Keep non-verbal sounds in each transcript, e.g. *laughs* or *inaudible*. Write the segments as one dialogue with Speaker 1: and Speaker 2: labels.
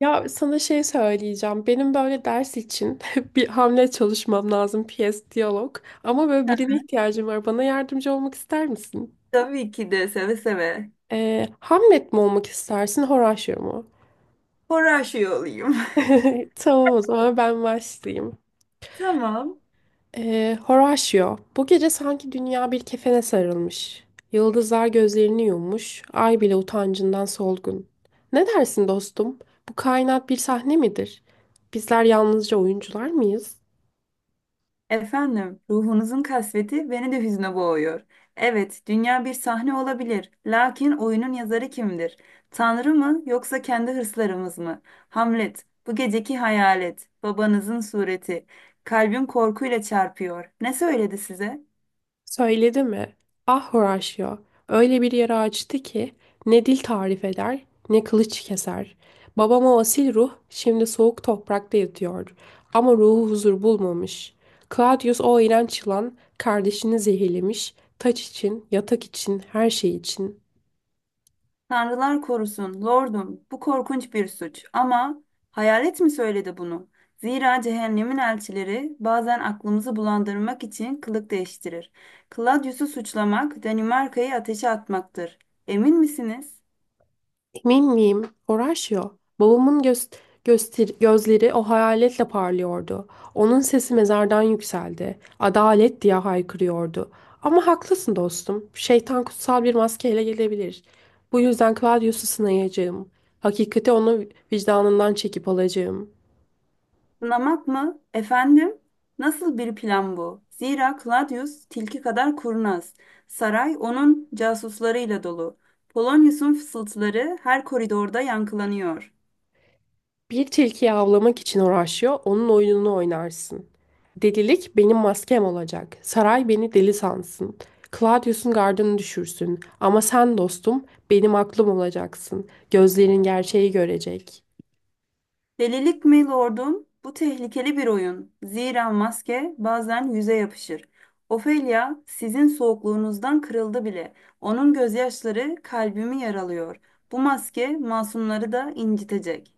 Speaker 1: Ya sana şey söyleyeceğim. Benim böyle ders için *laughs* bir Hamlet çalışmam lazım. Piyes, diyalog. Ama böyle birine ihtiyacım var. Bana yardımcı olmak ister misin?
Speaker 2: Tabii ki de seve seve.
Speaker 1: Hamlet mi olmak istersin, Horatio mu?
Speaker 2: Spor aşığı olayım.
Speaker 1: *laughs* Tamam o zaman ben başlayayım.
Speaker 2: *laughs* Tamam.
Speaker 1: Horatio, bu gece sanki dünya bir kefene sarılmış. Yıldızlar gözlerini yummuş, ay bile utancından solgun. Ne dersin dostum? Bu kainat bir sahne midir? Bizler yalnızca oyuncular mıyız?
Speaker 2: Efendim, ruhunuzun kasveti beni de hüzne boğuyor. Evet, dünya bir sahne olabilir. Lakin oyunun yazarı kimdir? Tanrı mı yoksa kendi hırslarımız mı? Hamlet, bu geceki hayalet, babanızın sureti. Kalbim korkuyla çarpıyor. Ne söyledi size?
Speaker 1: Söyledi mi? Ah Horatio, öyle bir yara açtı ki ne dil tarif eder ne kılıç keser. Babam o asil ruh şimdi soğuk toprakta yatıyor ama ruhu huzur bulmamış. Claudius o iğrenç yılan kardeşini zehirlemiş, taç için, yatak için, her şey için.
Speaker 2: Tanrılar korusun, lordum, bu korkunç bir suç. Ama hayalet mi söyledi bunu? Zira cehennemin elçileri bazen aklımızı bulandırmak için kılık değiştirir. Claudius'u suçlamak, Danimarka'yı ateşe atmaktır. Emin misiniz?
Speaker 1: Emin miyim? Horatio. Babamın göz, gözleri o hayaletle parlıyordu. Onun sesi mezardan yükseldi. Adalet diye haykırıyordu. Ama haklısın dostum. Şeytan kutsal bir maskeyle gelebilir. Bu yüzden Claudius'u sınayacağım. Hakikati onu vicdanından çekip alacağım.
Speaker 2: Sınamak mı? Efendim? Nasıl bir plan bu? Zira Claudius tilki kadar kurnaz. Saray onun casuslarıyla dolu. Polonius'un fısıltıları her koridorda yankılanıyor.
Speaker 1: Bir tilkiyi avlamak için uğraşıyor, onun oyununu oynarsın. Delilik benim maskem olacak. Saray beni deli sansın. Claudius'un gardını düşürsün. Ama sen dostum, benim aklım olacaksın. Gözlerin gerçeği görecek.
Speaker 2: Delilik mi lordum? Bu tehlikeli bir oyun. Zira maske bazen yüze yapışır. Ofelia sizin soğukluğunuzdan kırıldı bile. Onun gözyaşları kalbimi yaralıyor. Bu maske masumları da incitecek.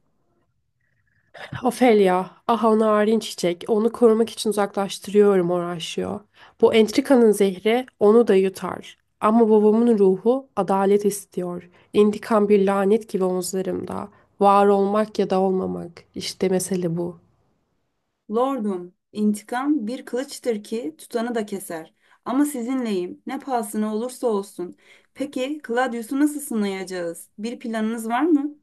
Speaker 1: Ofelia, aha narin çiçek, onu korumak için uzaklaştırıyorum uğraşıyor. Bu entrikanın zehri onu da yutar. Ama babamın ruhu adalet istiyor. İntikam bir lanet gibi omuzlarımda. Var olmak ya da olmamak, işte mesele bu.
Speaker 2: Lordum, intikam bir kılıçtır ki tutanı da keser. Ama sizinleyim, ne pahasına olursa olsun. Peki, Claudius'u nasıl sınayacağız? Bir planınız var mı?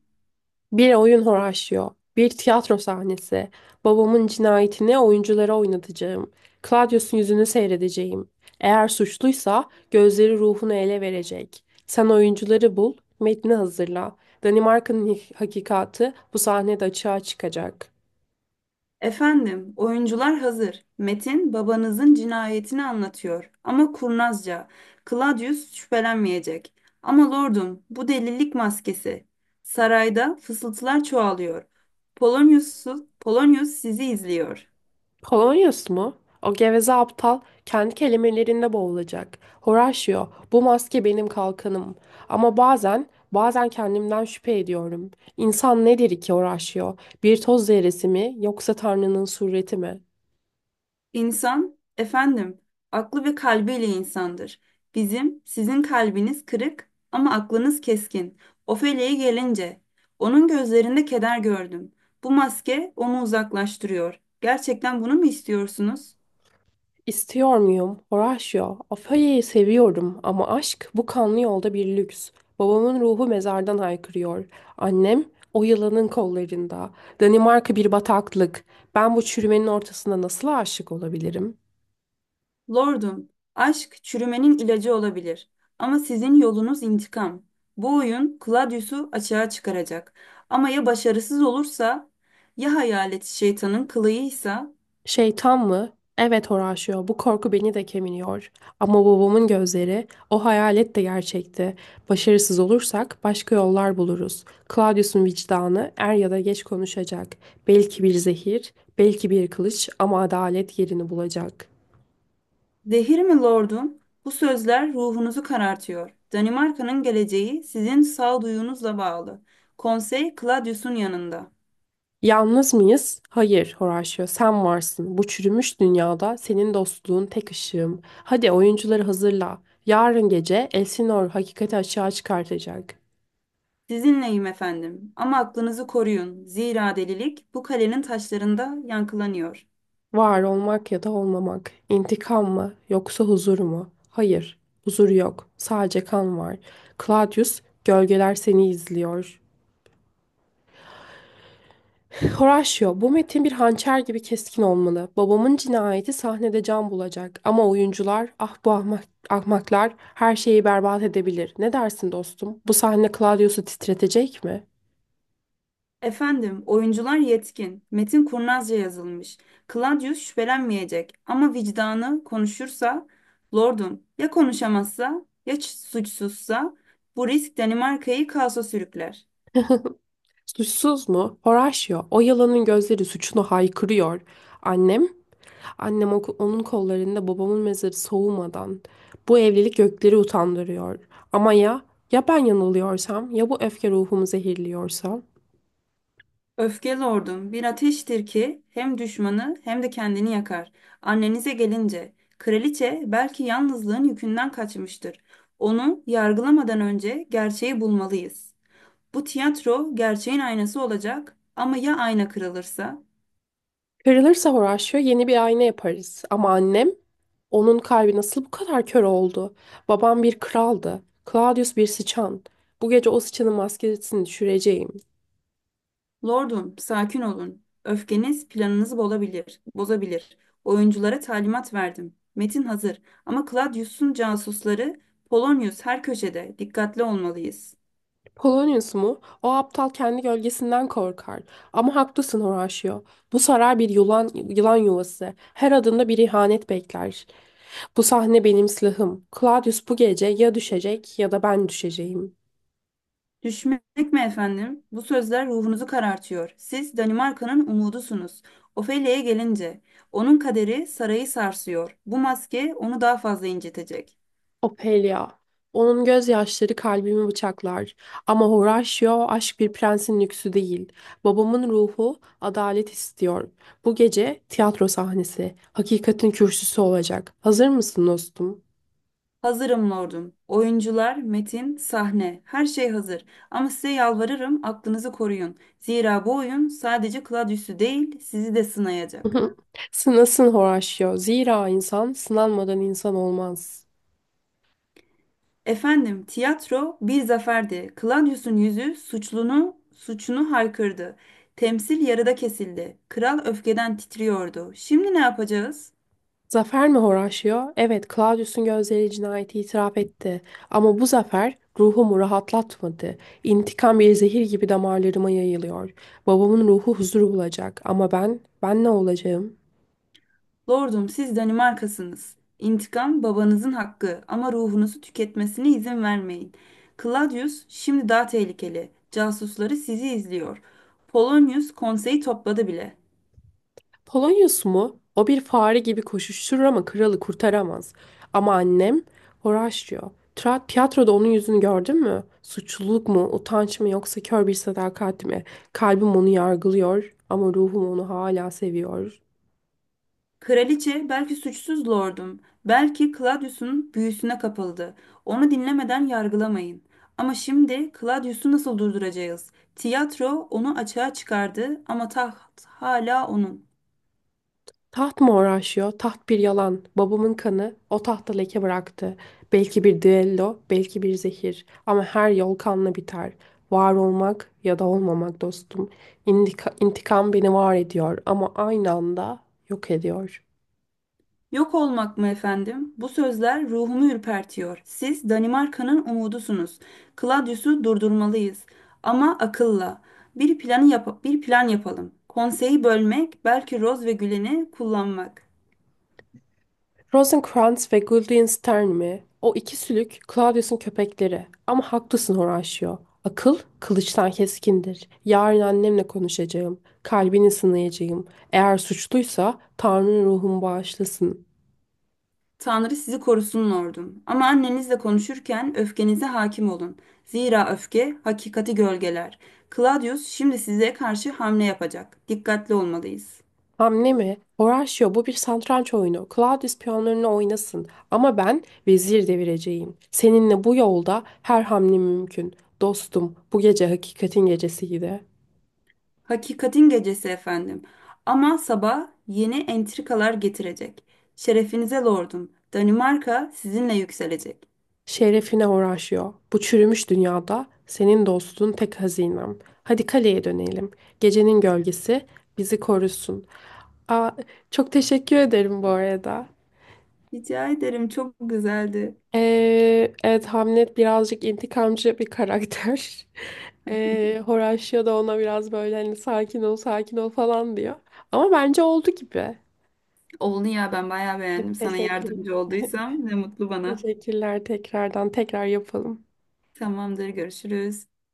Speaker 1: Bir oyun horaşyo, bir tiyatro sahnesi, babamın cinayetini oyunculara oynatacağım, Claudius'un yüzünü seyredeceğim. Eğer suçluysa gözleri ruhunu ele verecek. Sen oyuncuları bul, metni hazırla. Hakikati bu sahnede açığa çıkacak.
Speaker 2: Efendim, oyuncular hazır. Metin babanızın cinayetini anlatıyor ama kurnazca. Claudius şüphelenmeyecek. Ama lordum, bu delilik maskesi. Sarayda fısıltılar çoğalıyor. Polonius, Polonius sizi izliyor.
Speaker 1: Polonyus mu? O geveze aptal kendi kelimelerinde boğulacak. Horatio, bu maske benim kalkanım. Ama bazen, kendimden şüphe ediyorum. İnsan nedir ki Horatio? Bir toz zerresi mi yoksa Tanrı'nın sureti mi?
Speaker 2: İnsan, efendim, aklı ve kalbiyle insandır. Bizim, sizin kalbiniz kırık ama aklınız keskin. Ofelia'ya gelince, onun gözlerinde keder gördüm. Bu maske onu uzaklaştırıyor. Gerçekten bunu mu istiyorsunuz?
Speaker 1: İstiyor muyum Horatio? Ofelia'yı seviyorum ama aşk bu kanlı yolda bir lüks. Babamın ruhu mezardan haykırıyor. Annem o yılanın kollarında. Danimarka bir bataklık. Ben bu çürümenin ortasında nasıl aşık olabilirim?
Speaker 2: Lordum, aşk çürümenin ilacı olabilir. Ama sizin yolunuz intikam. Bu oyun Claudius'u açığa çıkaracak. Ama ya başarısız olursa, ya hayalet şeytanın kılığıysa?
Speaker 1: Şeytan mı? Evet Horacio, bu korku beni de kemiriyor. Ama babamın gözleri, o hayalet de gerçekti. Başarısız olursak başka yollar buluruz. Claudius'un vicdanı er ya da geç konuşacak. Belki bir zehir, belki bir kılıç ama adalet yerini bulacak.
Speaker 2: Zehir mi lordum? Bu sözler ruhunuzu karartıyor. Danimarka'nın geleceği sizin sağduyunuzla bağlı. Konsey Claudius'un yanında.
Speaker 1: Yalnız mıyız? Hayır Horacio, sen varsın. Bu çürümüş dünyada senin dostluğun tek ışığım. Hadi oyuncuları hazırla. Yarın gece Elsinor hakikati açığa çıkartacak.
Speaker 2: Sizinleyim efendim ama aklınızı koruyun. Zira delilik bu kalenin taşlarında yankılanıyor.
Speaker 1: Var olmak ya da olmamak. İntikam mı yoksa huzur mu? Hayır, huzur yok. Sadece kan var. Claudius, gölgeler seni izliyor. Horatio, bu metin bir hançer gibi keskin olmalı. Babamın cinayeti sahnede can bulacak. Ama oyuncular, ah bu ahmaklar her şeyi berbat edebilir. Ne dersin dostum? Bu sahne Claudius'u titretecek mi?
Speaker 2: Efendim, oyuncular yetkin. Metin kurnazca yazılmış. Claudius şüphelenmeyecek ama vicdanı konuşursa, lordum ya konuşamazsa suçsuzsa bu risk Danimarka'yı kaosa sürükler.
Speaker 1: Suçsuz mu? Horatio, o yılanın gözleri suçunu haykırıyor. Annem Onun kollarında babamın mezarı soğumadan. Bu evlilik gökleri utandırıyor. Ama ya ben yanılıyorsam ya bu öfke ruhumu zehirliyorsa?
Speaker 2: Öfke lordum bir ateştir ki hem düşmanı hem de kendini yakar. Annenize gelince, kraliçe belki yalnızlığın yükünden kaçmıştır. Onu yargılamadan önce gerçeği bulmalıyız. Bu tiyatro gerçeğin aynası olacak ama ya ayna kırılırsa?
Speaker 1: Kırılırsa Horatio yeni bir ayna yaparız. Ama annem onun kalbi nasıl bu kadar kör oldu? Babam bir kraldı. Claudius bir sıçan. Bu gece o sıçanın maskesini düşüreceğim.
Speaker 2: Lordum, sakin olun. Öfkeniz planınızı bozabilir. Oyunculara talimat verdim. Metin hazır ama Claudius'un casusları Polonius her köşede. Dikkatli olmalıyız.
Speaker 1: Polonius mu? O aptal kendi gölgesinden korkar. Ama haklısın Horatio. Bu saray bir yılan yuvası. Her adımda bir ihanet bekler. Bu sahne benim silahım. Claudius bu gece ya düşecek ya da ben düşeceğim.
Speaker 2: Düşmek mi efendim? Bu sözler ruhunuzu karartıyor. Siz Danimarka'nın umudusunuz. Ofelia'ya gelince, onun kaderi sarayı sarsıyor. Bu maske onu daha fazla incitecek.
Speaker 1: Ophelia. Onun gözyaşları kalbimi bıçaklar. Ama Horatio aşk bir prensin lüksü değil. Babamın ruhu adalet istiyor. Bu gece tiyatro sahnesi. Hakikatin kürsüsü olacak. Hazır mısın dostum?
Speaker 2: Hazırım lordum. Oyuncular, metin, sahne, her şey hazır. Ama size yalvarırım aklınızı koruyun. Zira bu oyun sadece Claudius'u değil, sizi de sınayacak.
Speaker 1: *laughs* Sınasın Horatio. Zira insan sınanmadan insan olmaz.
Speaker 2: Efendim, tiyatro bir zaferdi. Claudius'un yüzü suçunu haykırdı. Temsil yarıda kesildi. Kral öfkeden titriyordu. Şimdi ne yapacağız?
Speaker 1: Zafer mi Horatio? Evet, Claudius'un gözleri cinayeti itiraf etti. Ama bu zafer ruhumu rahatlatmadı. İntikam bir zehir gibi damarlarıma yayılıyor. Babamın ruhu huzur bulacak. Ama ben, ne olacağım?
Speaker 2: Lordum, siz Danimarkasınız. İntikam babanızın hakkı ama ruhunuzu tüketmesine izin vermeyin. Claudius şimdi daha tehlikeli. Casusları sizi izliyor. Polonius konseyi topladı bile.
Speaker 1: Polonyus mu? O bir fare gibi koşuşturur ama kralı kurtaramaz. Ama annem Horatio. Tiyatroda onun yüzünü gördün mü? Suçluluk mu, utanç mı yoksa kör bir sadakat mi? Kalbim onu yargılıyor ama ruhum onu hala seviyor.
Speaker 2: Kraliçe belki suçsuz lordum, belki Claudius'un büyüsüne kapıldı. Onu dinlemeden yargılamayın. Ama şimdi Claudius'u nasıl durduracağız? Tiyatro onu açığa çıkardı ama taht hala onun.
Speaker 1: Taht mı uğraşıyor? Taht bir yalan. Babamın kanı o tahta leke bıraktı. Belki bir düello, belki bir zehir. Ama her yol kanla biter. Var olmak ya da olmamak dostum. İntikam beni var ediyor ama aynı anda yok ediyor.
Speaker 2: Yok olmak mı efendim? Bu sözler ruhumu ürpertiyor. Siz Danimarka'nın umudusunuz. Claudius'u durdurmalıyız. Ama akılla. Bir plan yapalım. Konseyi bölmek, belki Roz ve Gülen'i kullanmak.
Speaker 1: Rosencrantz ve Guildenstern mi? O iki sülük Claudius'un köpekleri. Ama haklısın Horatio. Akıl kılıçtan keskindir. Yarın annemle konuşacağım. Kalbini sınayacağım. Eğer suçluysa Tanrı'nın ruhumu bağışlasın.
Speaker 2: Tanrı sizi korusun lordum. Ama annenizle konuşurken öfkenize hakim olun. Zira öfke hakikati gölgeler. Claudius şimdi size karşı hamle yapacak. Dikkatli olmalıyız.
Speaker 1: Hamle mi? Horatio bu bir satranç oyunu. Claudius piyonlarını oynasın. Ama ben vezir devireceğim. Seninle bu yolda her hamle mümkün. Dostum, bu gece hakikatin gecesiydi.
Speaker 2: Hakikatin gecesi efendim. Ama sabah yeni entrikalar getirecek. Şerefinize lordum. Danimarka sizinle yükselecek.
Speaker 1: Şerefine uğraşıyor. Bu çürümüş dünyada senin dostun tek hazinem. Hadi kaleye dönelim. Gecenin gölgesi bizi korusun. Aa, Çok teşekkür ederim bu arada.
Speaker 2: Rica ederim çok güzeldi.
Speaker 1: Evet Hamlet birazcık intikamcı bir karakter. *laughs* Horatio da ona biraz böyle hani sakin ol sakin ol falan diyor. Ama bence oldu gibi.
Speaker 2: Oldu ya ben bayağı beğendim. Sana
Speaker 1: Teşekkür,
Speaker 2: yardımcı
Speaker 1: *laughs*
Speaker 2: olduysam ne mutlu bana.
Speaker 1: teşekkürler tekrardan tekrar yapalım.
Speaker 2: Tamamdır, görüşürüz.